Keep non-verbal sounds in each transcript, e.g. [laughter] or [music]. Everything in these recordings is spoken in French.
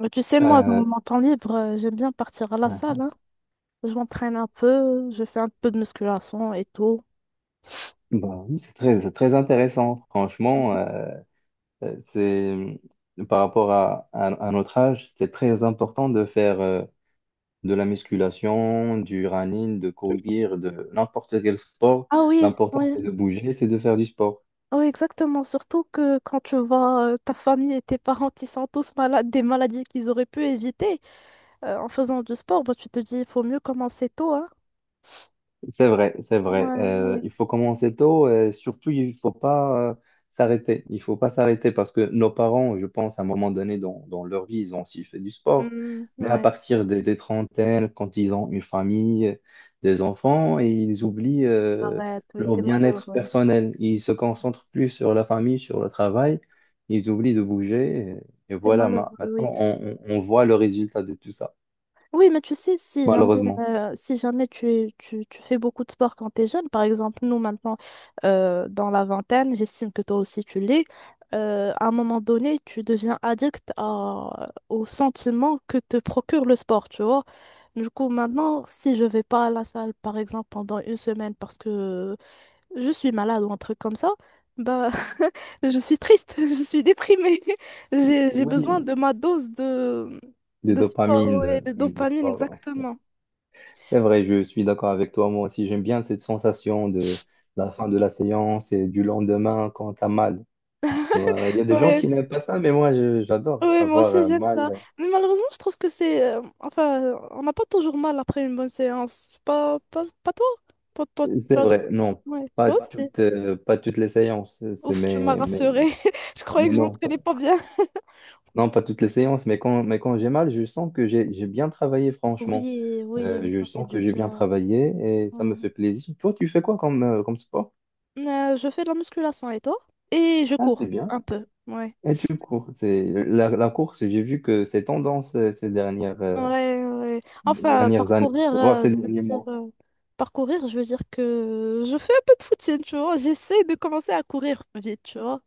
Mais tu sais, moi, dans Euh, mon temps libre, j'aime bien partir à la ouais. salle, hein. Je m'entraîne un peu, je fais un peu de musculation et tout. Bah oui, c'est très intéressant. Franchement, c'est par rapport à notre âge, c'est très important de faire de la musculation, du running, de courir, de n'importe quel sport. Ah oui, L'important, oui, c'est de bouger, c'est de faire du sport. oui, exactement. Surtout que quand tu vois ta famille et tes parents qui sont tous malades, des maladies qu'ils auraient pu éviter en faisant du sport, bah, tu te dis, il faut mieux commencer tôt, hein. C'est vrai. Ouais, Euh, ouais. il faut commencer tôt et surtout, il faut pas s'arrêter. Il faut pas s'arrêter parce que nos parents, je pense, à un moment donné dans leur vie, ils ont aussi fait du sport. Hmm, Mais à ouais. partir des trentaines, quand ils ont une famille, des enfants, et ils oublient Arrête, oui, leur c'est bien-être malheureux. personnel. Ils se concentrent plus sur la famille, sur le travail. Ils oublient de bouger. Et C'est voilà, malheureux, oui. maintenant, on voit le résultat de tout ça, Oui, mais tu sais, si jamais, [laughs] malheureusement. Si jamais tu fais beaucoup de sport quand tu es jeune, par exemple, nous maintenant, dans la vingtaine, j'estime que toi aussi tu l'es, à un moment donné, tu deviens addict au sentiment que te procure le sport, tu vois. Du coup, maintenant, si je vais pas à la salle, par exemple, pendant une semaine parce que je suis malade ou un truc comme ça, bah, [laughs] je suis triste, [laughs] je suis déprimée. [laughs] J'ai besoin Oui, de ma dose de, de de sport, dopamine, ouais, de de dopamine, sport. exactement. C'est vrai, je suis d'accord avec toi. Moi aussi, j'aime bien cette sensation de la fin de la séance et du lendemain quand t'as mal. Ouais, il y a des gens Ouais, qui n'aiment pas ça, mais moi, j'adore ouais, moi avoir aussi j'aime ça. mal. Mais malheureusement, je trouve que c'est. Enfin, on n'a pas toujours mal après une bonne séance. C'est pas, pas, pas toi? Toi, tu C'est as. vrai, Toujours- non, Ouais, toi aussi. Pas toutes les séances. C'est Ouf, tu m'as mais rassurée. [laughs] Je croyais que je non, pas, m'entraînais pas bien. non, pas toutes les séances, mais quand j'ai mal, je sens que j'ai bien travaillé, franchement. Oui, oui, Euh, oui, je ça fait sens du que j'ai bien bien. travaillé et ça me Ouais. fait plaisir. Toi, tu fais quoi comme, comme sport? Je fais de la musculation et toi? Et je Ah, c'est cours bien. un peu. Ouais. Et tu cours, c'est la course, j'ai vu que c'est tendance Ouais, ouais. Enfin, dernières années, voire ces derniers mois. Parcourir, je veux dire que je fais un peu de footing, tu vois. J'essaie de commencer à courir vite, tu vois.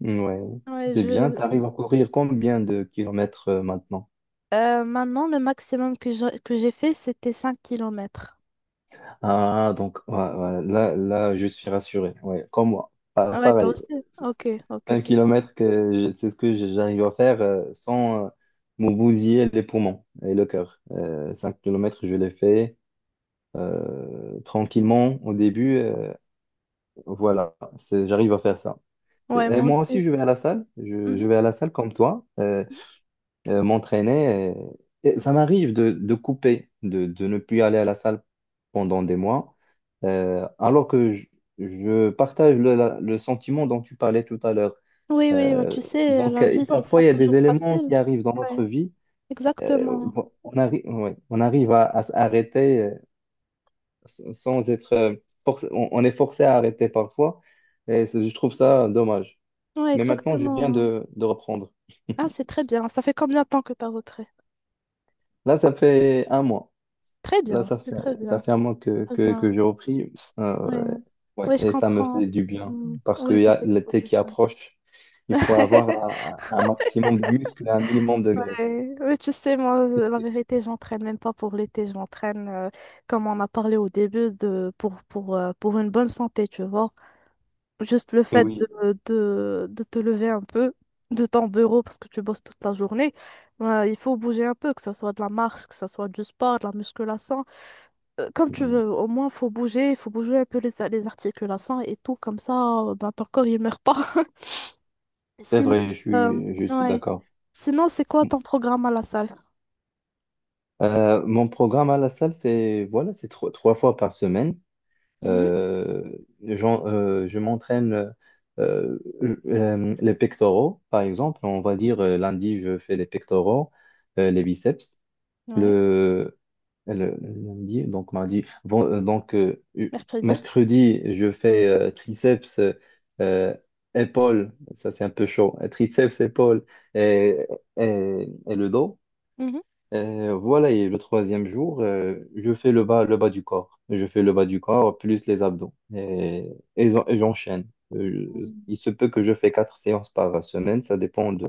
Ouais, Ouais, c'est bien, tu je... arrives à courir combien de kilomètres maintenant? Maintenant, le maximum que j'ai fait, c'était 5 kilomètres. Ah, donc ouais, ouais, là, je suis rassuré, ouais, comme moi. Ah ouais, toi Pareil, aussi? Ok, ok, un c'est cool. kilomètre, c'est ce que j'arrive à faire sans me bousiller les poumons et le cœur. 5 kilomètres, je l'ai fait tranquillement au début, voilà, j'arrive à faire ça. Ouais, Et moi moi aussi, aussi. je vais à la salle. Je Mhm. vais à la salle comme toi, m'entraîner. Et ça m'arrive de couper, de ne plus aller à la salle pendant des mois, alors que je partage le sentiment dont tu parlais tout à l'heure. Oui, oui, bah, Euh, tu sais, donc, la euh, et vie, c'est pas parfois, il y a des toujours éléments facile. qui arrivent dans Ouais, notre vie. euh, exactement. on arrive, ouais, on arrive à s'arrêter sans être... on est forcé à arrêter parfois. Je trouve ça dommage. Ouais, Mais maintenant, je viens exactement. De reprendre. Ah, c'est très bien. Ça fait combien de temps que t'as repris? Là, ça fait un mois. Très Là, bien, ça c'est fait, très ça bien. fait un mois que, Très que, bien. que j'ai repris. Oui, Euh, ouais, oui, je et ça me fait comprends. du bien Mm. parce Oui, qu'il y ça a fait beaucoup l'été du qui bien. approche. Il faut avoir [laughs] un maximum de muscles et un minimum de graisse. Ouais. Oui, tu sais, moi, la vérité, j'entraîne même pas pour l'été, j'entraîne, comme on a parlé au début, pour une bonne santé, tu vois. Juste le fait Oui, de te lever un peu de ton bureau parce que tu bosses toute la journée, ouais, il faut bouger un peu, que ce soit de la marche, que ce soit du sport, de la musculation. Comme tu veux, au moins, faut bouger, il faut bouger un peu les, les articulations et tout, comme ça, ben, ton corps, il meurt pas. [laughs] c'est Sinon, vrai, euh, je suis ouais. d'accord. Sinon, c'est quoi ton programme à la salle? Mon programme à la salle, c'est voilà, c'est trois fois par semaine. Mhm, Euh, je m'entraîne euh, les pectoraux, par exemple. On va dire lundi, je fais les pectoraux, les biceps. ouais, Le, Lundi, donc mardi, bon, mercredi. mercredi, je fais triceps, euh, épaules. Ça, c'est un peu chaud. Triceps, épaules et, et le dos. Mhm. Voilà, et le troisième jour, je fais le bas du corps. Je fais le bas du corps plus les abdos. Et j'enchaîne. Euh, je- Mm, il se peut que je fais quatre séances par semaine, ça dépend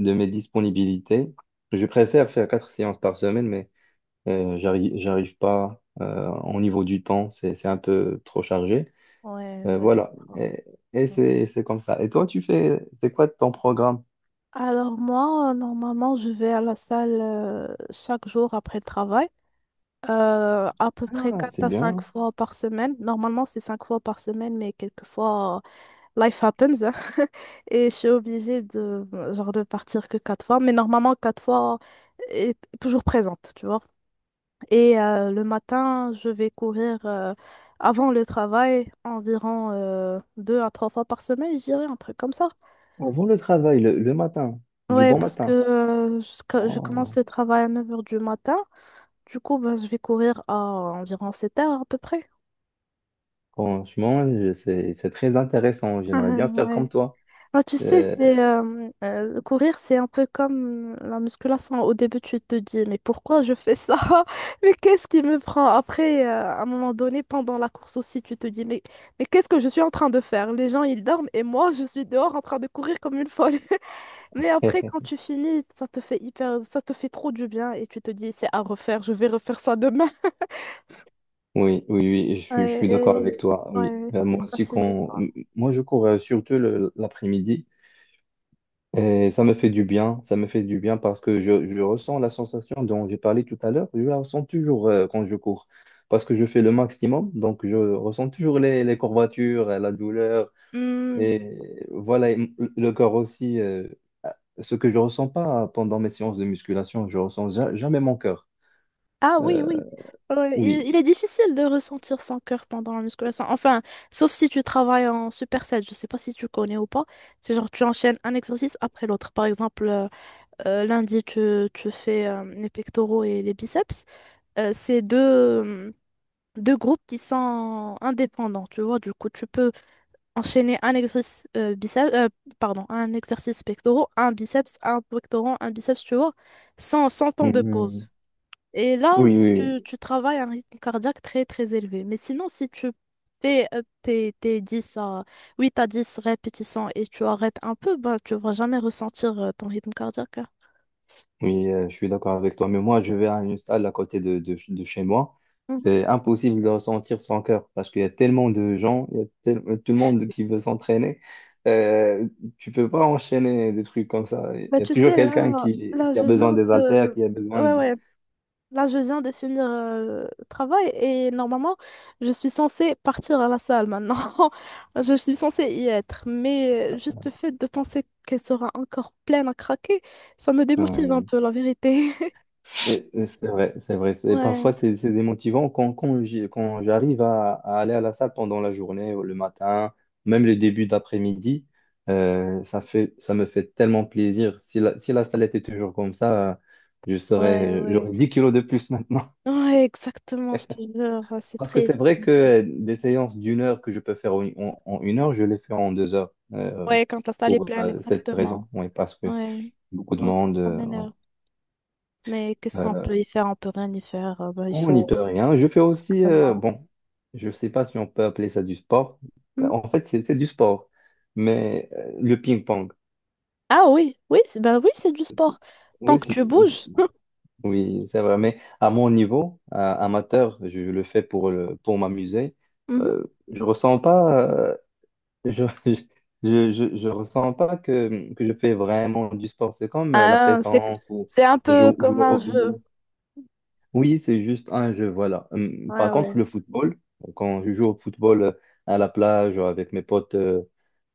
de mes disponibilités. Je préfère faire quatre séances par semaine, mais j'arrive pas au niveau du temps, c'est un peu trop chargé. ouais, ouais, je Voilà, comprends. et Ouais. C'est comme ça. Et toi, tu fais, c'est quoi ton programme? Alors moi, normalement, je vais à la salle chaque jour après le travail, à peu près Ah, 4 c'est à 5 bien. fois par semaine. Normalement, c'est 5 fois par semaine, mais quelquefois, life happens, hein. [laughs] Et je suis obligée de genre de partir que 4 fois, mais normalement 4 fois est toujours présente, tu vois. Et le matin, je vais courir avant le travail environ 2 à 3 fois par semaine, je dirais un truc comme ça. Avant le travail, le matin, du Ouais, bon parce que matin. Je commence Oh. le travail à 9 heures du matin, du coup ben, je vais courir à environ 7 heures à peu près. Franchement, c'est très intéressant. [laughs] J'aimerais bien faire comme Ouais. toi. Ah, tu sais, Euh, c'est courir, c'est un peu comme la musculation. Au début, tu te dis, mais pourquoi je fais ça? [laughs] Mais qu'est-ce qui me prend? Après, à un moment donné, pendant la course aussi, tu te dis, mais qu'est-ce que je suis en train de faire? Les gens, ils dorment et moi, je suis dehors en train de courir comme une folle. [laughs] Mais après, quand [laughs] tu finis, ça te fait hyper, ça te fait trop du bien et tu te dis, c'est à refaire, je vais refaire ça demain. oui, oui, oui, je Ouais, suis d'accord avec toi. Oui, ouais, moi c'est pas aussi, fini, quoi. Moi je cours l'après-midi et ça me fait du bien. Ça me fait du bien parce que je ressens la sensation dont j'ai parlé tout à l'heure. Je la ressens toujours quand je cours parce que je fais le maximum. Donc, je ressens toujours les courbatures, la douleur. Et voilà, le corps aussi, ce que je ressens pas pendant mes séances de musculation, je ressens jamais mon cœur. Ah oui, Euh, oui. Ouais, il, oui. il est difficile de ressentir son cœur pendant la musculation. Enfin, sauf si tu travailles en superset. Je sais pas si tu connais ou pas. C'est genre tu enchaînes un exercice après l'autre. Par exemple, lundi, tu fais les pectoraux et les biceps. C'est euh, deux groupes qui sont indépendants, tu vois. Du coup, tu peux enchaîner un exercice un exercice pectoraux, un biceps, un pectoraux, un biceps, tu vois, sans temps de pause. Mhm. Et là, Oui, s- oui, oui. tu, tu travailles à un rythme cardiaque très très élevé. Mais sinon, si tu fais tes 10 à 8 à 10 répétitions et tu arrêtes un peu, bah, tu vas jamais ressentir ton rythme cardiaque, hein. Oui, je suis d'accord avec toi. Mais moi, je vais à une salle à côté de chez moi. Mhm. C'est impossible de ressentir son cœur parce qu'il y a tellement de gens, il y a tel- tout le monde qui veut s'entraîner. Euh, tu peux pas enchaîner des trucs comme ça. Il Bah, y a tu toujours sais, là, quelqu'un là, qui a je besoin viens des haltères, de... qui a besoin Ouais, de... ouais. Là, je viens de finir le travail et normalement, je suis censée partir à la salle maintenant. [laughs] Je suis censée y être. Mais juste le fait de penser qu'elle sera encore pleine à craquer, ça me démotive un Ouais. peu, la vérité. Et c'est vrai, c'est vrai. Parfois, Ouais, c'est démotivant quand j'arrive à aller à la salle pendant la journée, le matin, même le début d'après-midi. Ça fait, ça me fait tellement plaisir. Si la salle était toujours comme ça, ouais, ouais. j'aurais 10 kilos de plus maintenant. [laughs] Ouais, exactement, je te jure, ouais, c'est Parce que c'est triste. vrai que des séances d'une heure que je peux faire en une heure, je les fais en 2 heures. euh, Ouais, quand la salle est pour pleine, cette exactement. raison. Oui, parce que Ouais, beaucoup de moi aussi, monde. ça m'énerve. Mais qu'est-ce qu'on euh, peut y faire? On peut rien y faire. Ben, il Oh, on n'y faut, peut rien. Je fais aussi, exactement. bon, je ne sais pas si on peut appeler ça du sport. Mhm. En fait, c'est du sport, mais le ping-pong. Ah oui, oui, ben oui, c'est du sport. Tant Oui, que tu bouges. [laughs] oui, c'est vrai. Mais à mon niveau, amateur, je le fais pour le, pour m'amuser. Mhm. Je ressens pas, je, [laughs] je ressens pas que, que je fais vraiment du sport. C'est comme la Ah, c'est, pétanque ou c'est un peu comme jouer un au jeu. billes. Oui, c'est juste un jeu, voilà. Ouais, par ouais. contre, le football, quand je joue au football à la plage ou avec mes potes euh,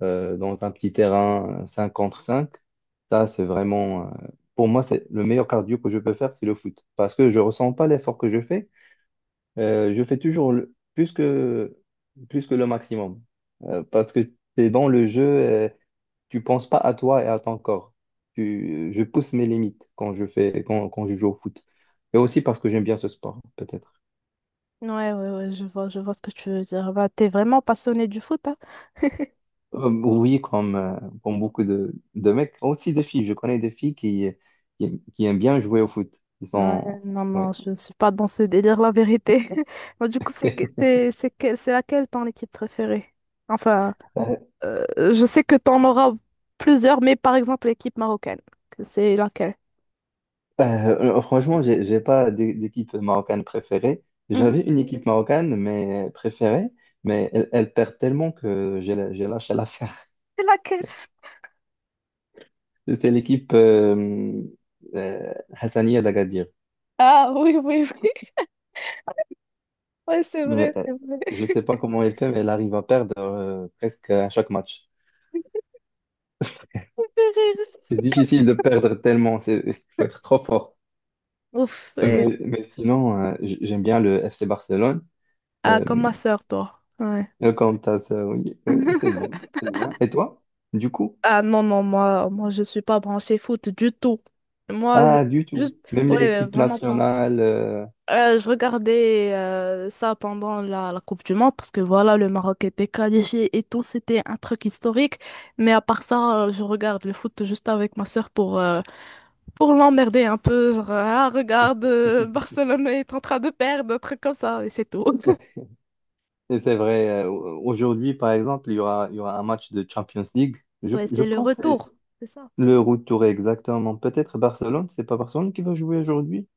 euh, dans un petit terrain 5 contre 5, ça, c'est vraiment, pour moi, c'est le meilleur cardio que je peux faire, c'est le foot. Parce que je ressens pas l'effort que je fais. Je fais toujours plus que le maximum. Parce que tu es dans le jeu, tu penses pas à toi et à ton corps. Je pousse mes limites quand je fais, quand je joue au foot. Et aussi parce que j'aime bien ce sport, peut-être. Ouais, ouais, ouais, je vois ce que tu veux dire. Bah, t'es vraiment passionné du foot, hein? Oui, comme, comme beaucoup de mecs, aussi des filles. Je connais des filles qui aiment bien jouer au foot. Ils Ouais, sont, non, non, ouais. je ne suis pas dans ce délire, la vérité. [laughs] Moi, du coup, [laughs] c'est laquelle ton équipe préférée? Enfin, euh, je sais que t'en auras plusieurs, mais par exemple, l'équipe marocaine, que c'est laquelle? Franchement, j'ai pas d'équipe marocaine préférée. Mhm. J'avais une équipe marocaine mais préférée, mais elle perd tellement que j'ai lâché l'affaire. C'est laquelle? C'est l'équipe Hassania d'Agadir. Ah, oui, oui, oui. [laughs] Ouais, c'est Mais vrai, c'est vrai. je ne [laughs] sais pas comment elle fait, mais elle arrive à perdre presque à chaque match. [laughs] Ça fait rire. C'est difficile de perdre tellement, il faut être trop fort. Ouf, ouais. Mais sinon, j'aime bien le FC Barcelone. Ah, Euh, comme ma sœur, toi. Ouais. le Camtas, quant à ça, oui, oui, c'est bien, [laughs] c'est bien. Et toi, du coup? Ah, non, non, moi, je suis pas branchée foot du tout. Moi, Ah, du tout. juste, Même ouais, l'équipe vraiment pas. nationale. Euh, Je regardais ça pendant la Coupe du Monde parce que voilà, le Maroc était qualifié et tout, c'était un truc historique. Mais à part ça, je regarde le foot juste avec ma sœur pour l'emmerder un peu. Genre, ah, regarde, [laughs] Barcelone est en train de perdre, un truc comme ça, et c'est tout. [laughs] et c'est vrai. Aujourd'hui, par exemple, il y aura un match de Champions League. Je, Ouais, je c'est le pense, que retour, c'est ça. le retour est exactement. Peut-être Barcelone, c'est pas Barcelone qui va jouer aujourd'hui?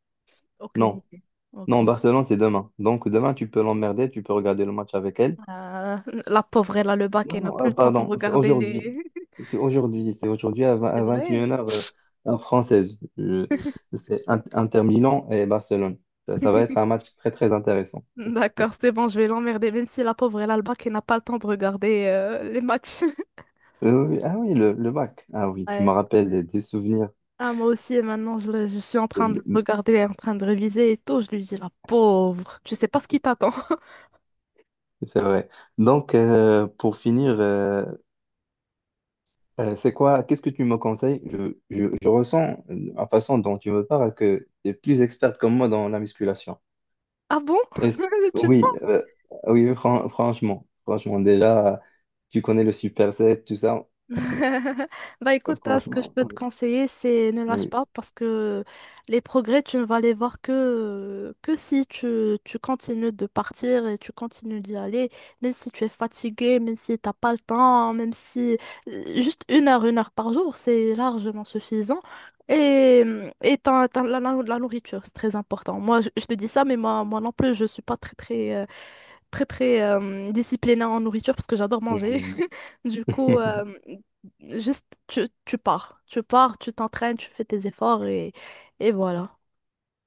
Aucune Non. idée. Non, Aucune. Barcelone, c'est demain. Donc demain, tu peux l'emmerder, tu peux regarder le match avec elle. Euh, la pauvre, elle a le bac, Non, elle n'a non, plus le temps pour pardon, c'est regarder aujourd'hui. les. [laughs] C'est aujourd'hui à 20 C'est à vrai. 21 heures heure française. C'est Inter Milan et Barcelone. Ça va être un [laughs] match très très intéressant. D'accord, c'est bon, je vais l'emmerder, même si la pauvre elle a le bac et n'a pas le temps de regarder les matchs. [laughs] Oui, oui. Ah oui, le bac. Ah oui, tu me Ouais. rappelles des souvenirs. Ah, moi aussi, maintenant, je suis en C'est train de le regarder, en train de réviser et tout. Je lui dis, la pauvre, tu sais pas ce qui t'attend. [laughs] c'est vrai. Donc, pour finir, c'est quoi, qu'est-ce que tu me conseilles? Je ressens, la façon dont tu me parles, que tu es plus experte que moi dans la musculation. Ah bon? [laughs] Est-ce- Tu oui oui, franchement, franchement, déjà, tu connais le superset, tout ça. [laughs] Bah écoute, hein, ce que je Franchement, peux te oui. conseiller, c'est ne lâche Oui. pas parce que les progrès, tu ne vas les voir que si tu continues de partir et tu continues d'y aller, même si tu es fatigué, même si t'as pas le temps, même si juste une heure par jour, c'est largement suffisant. Et, t'as la, la nourriture, c'est très important. Moi, je te dis ça, mais moi non plus, je suis pas très, très très très disciplinée en nourriture parce que j'adore manger. Mhm. [laughs] Du coup, [laughs] juste tu pars, tu pars, tu t'entraînes, tu fais tes efforts et voilà.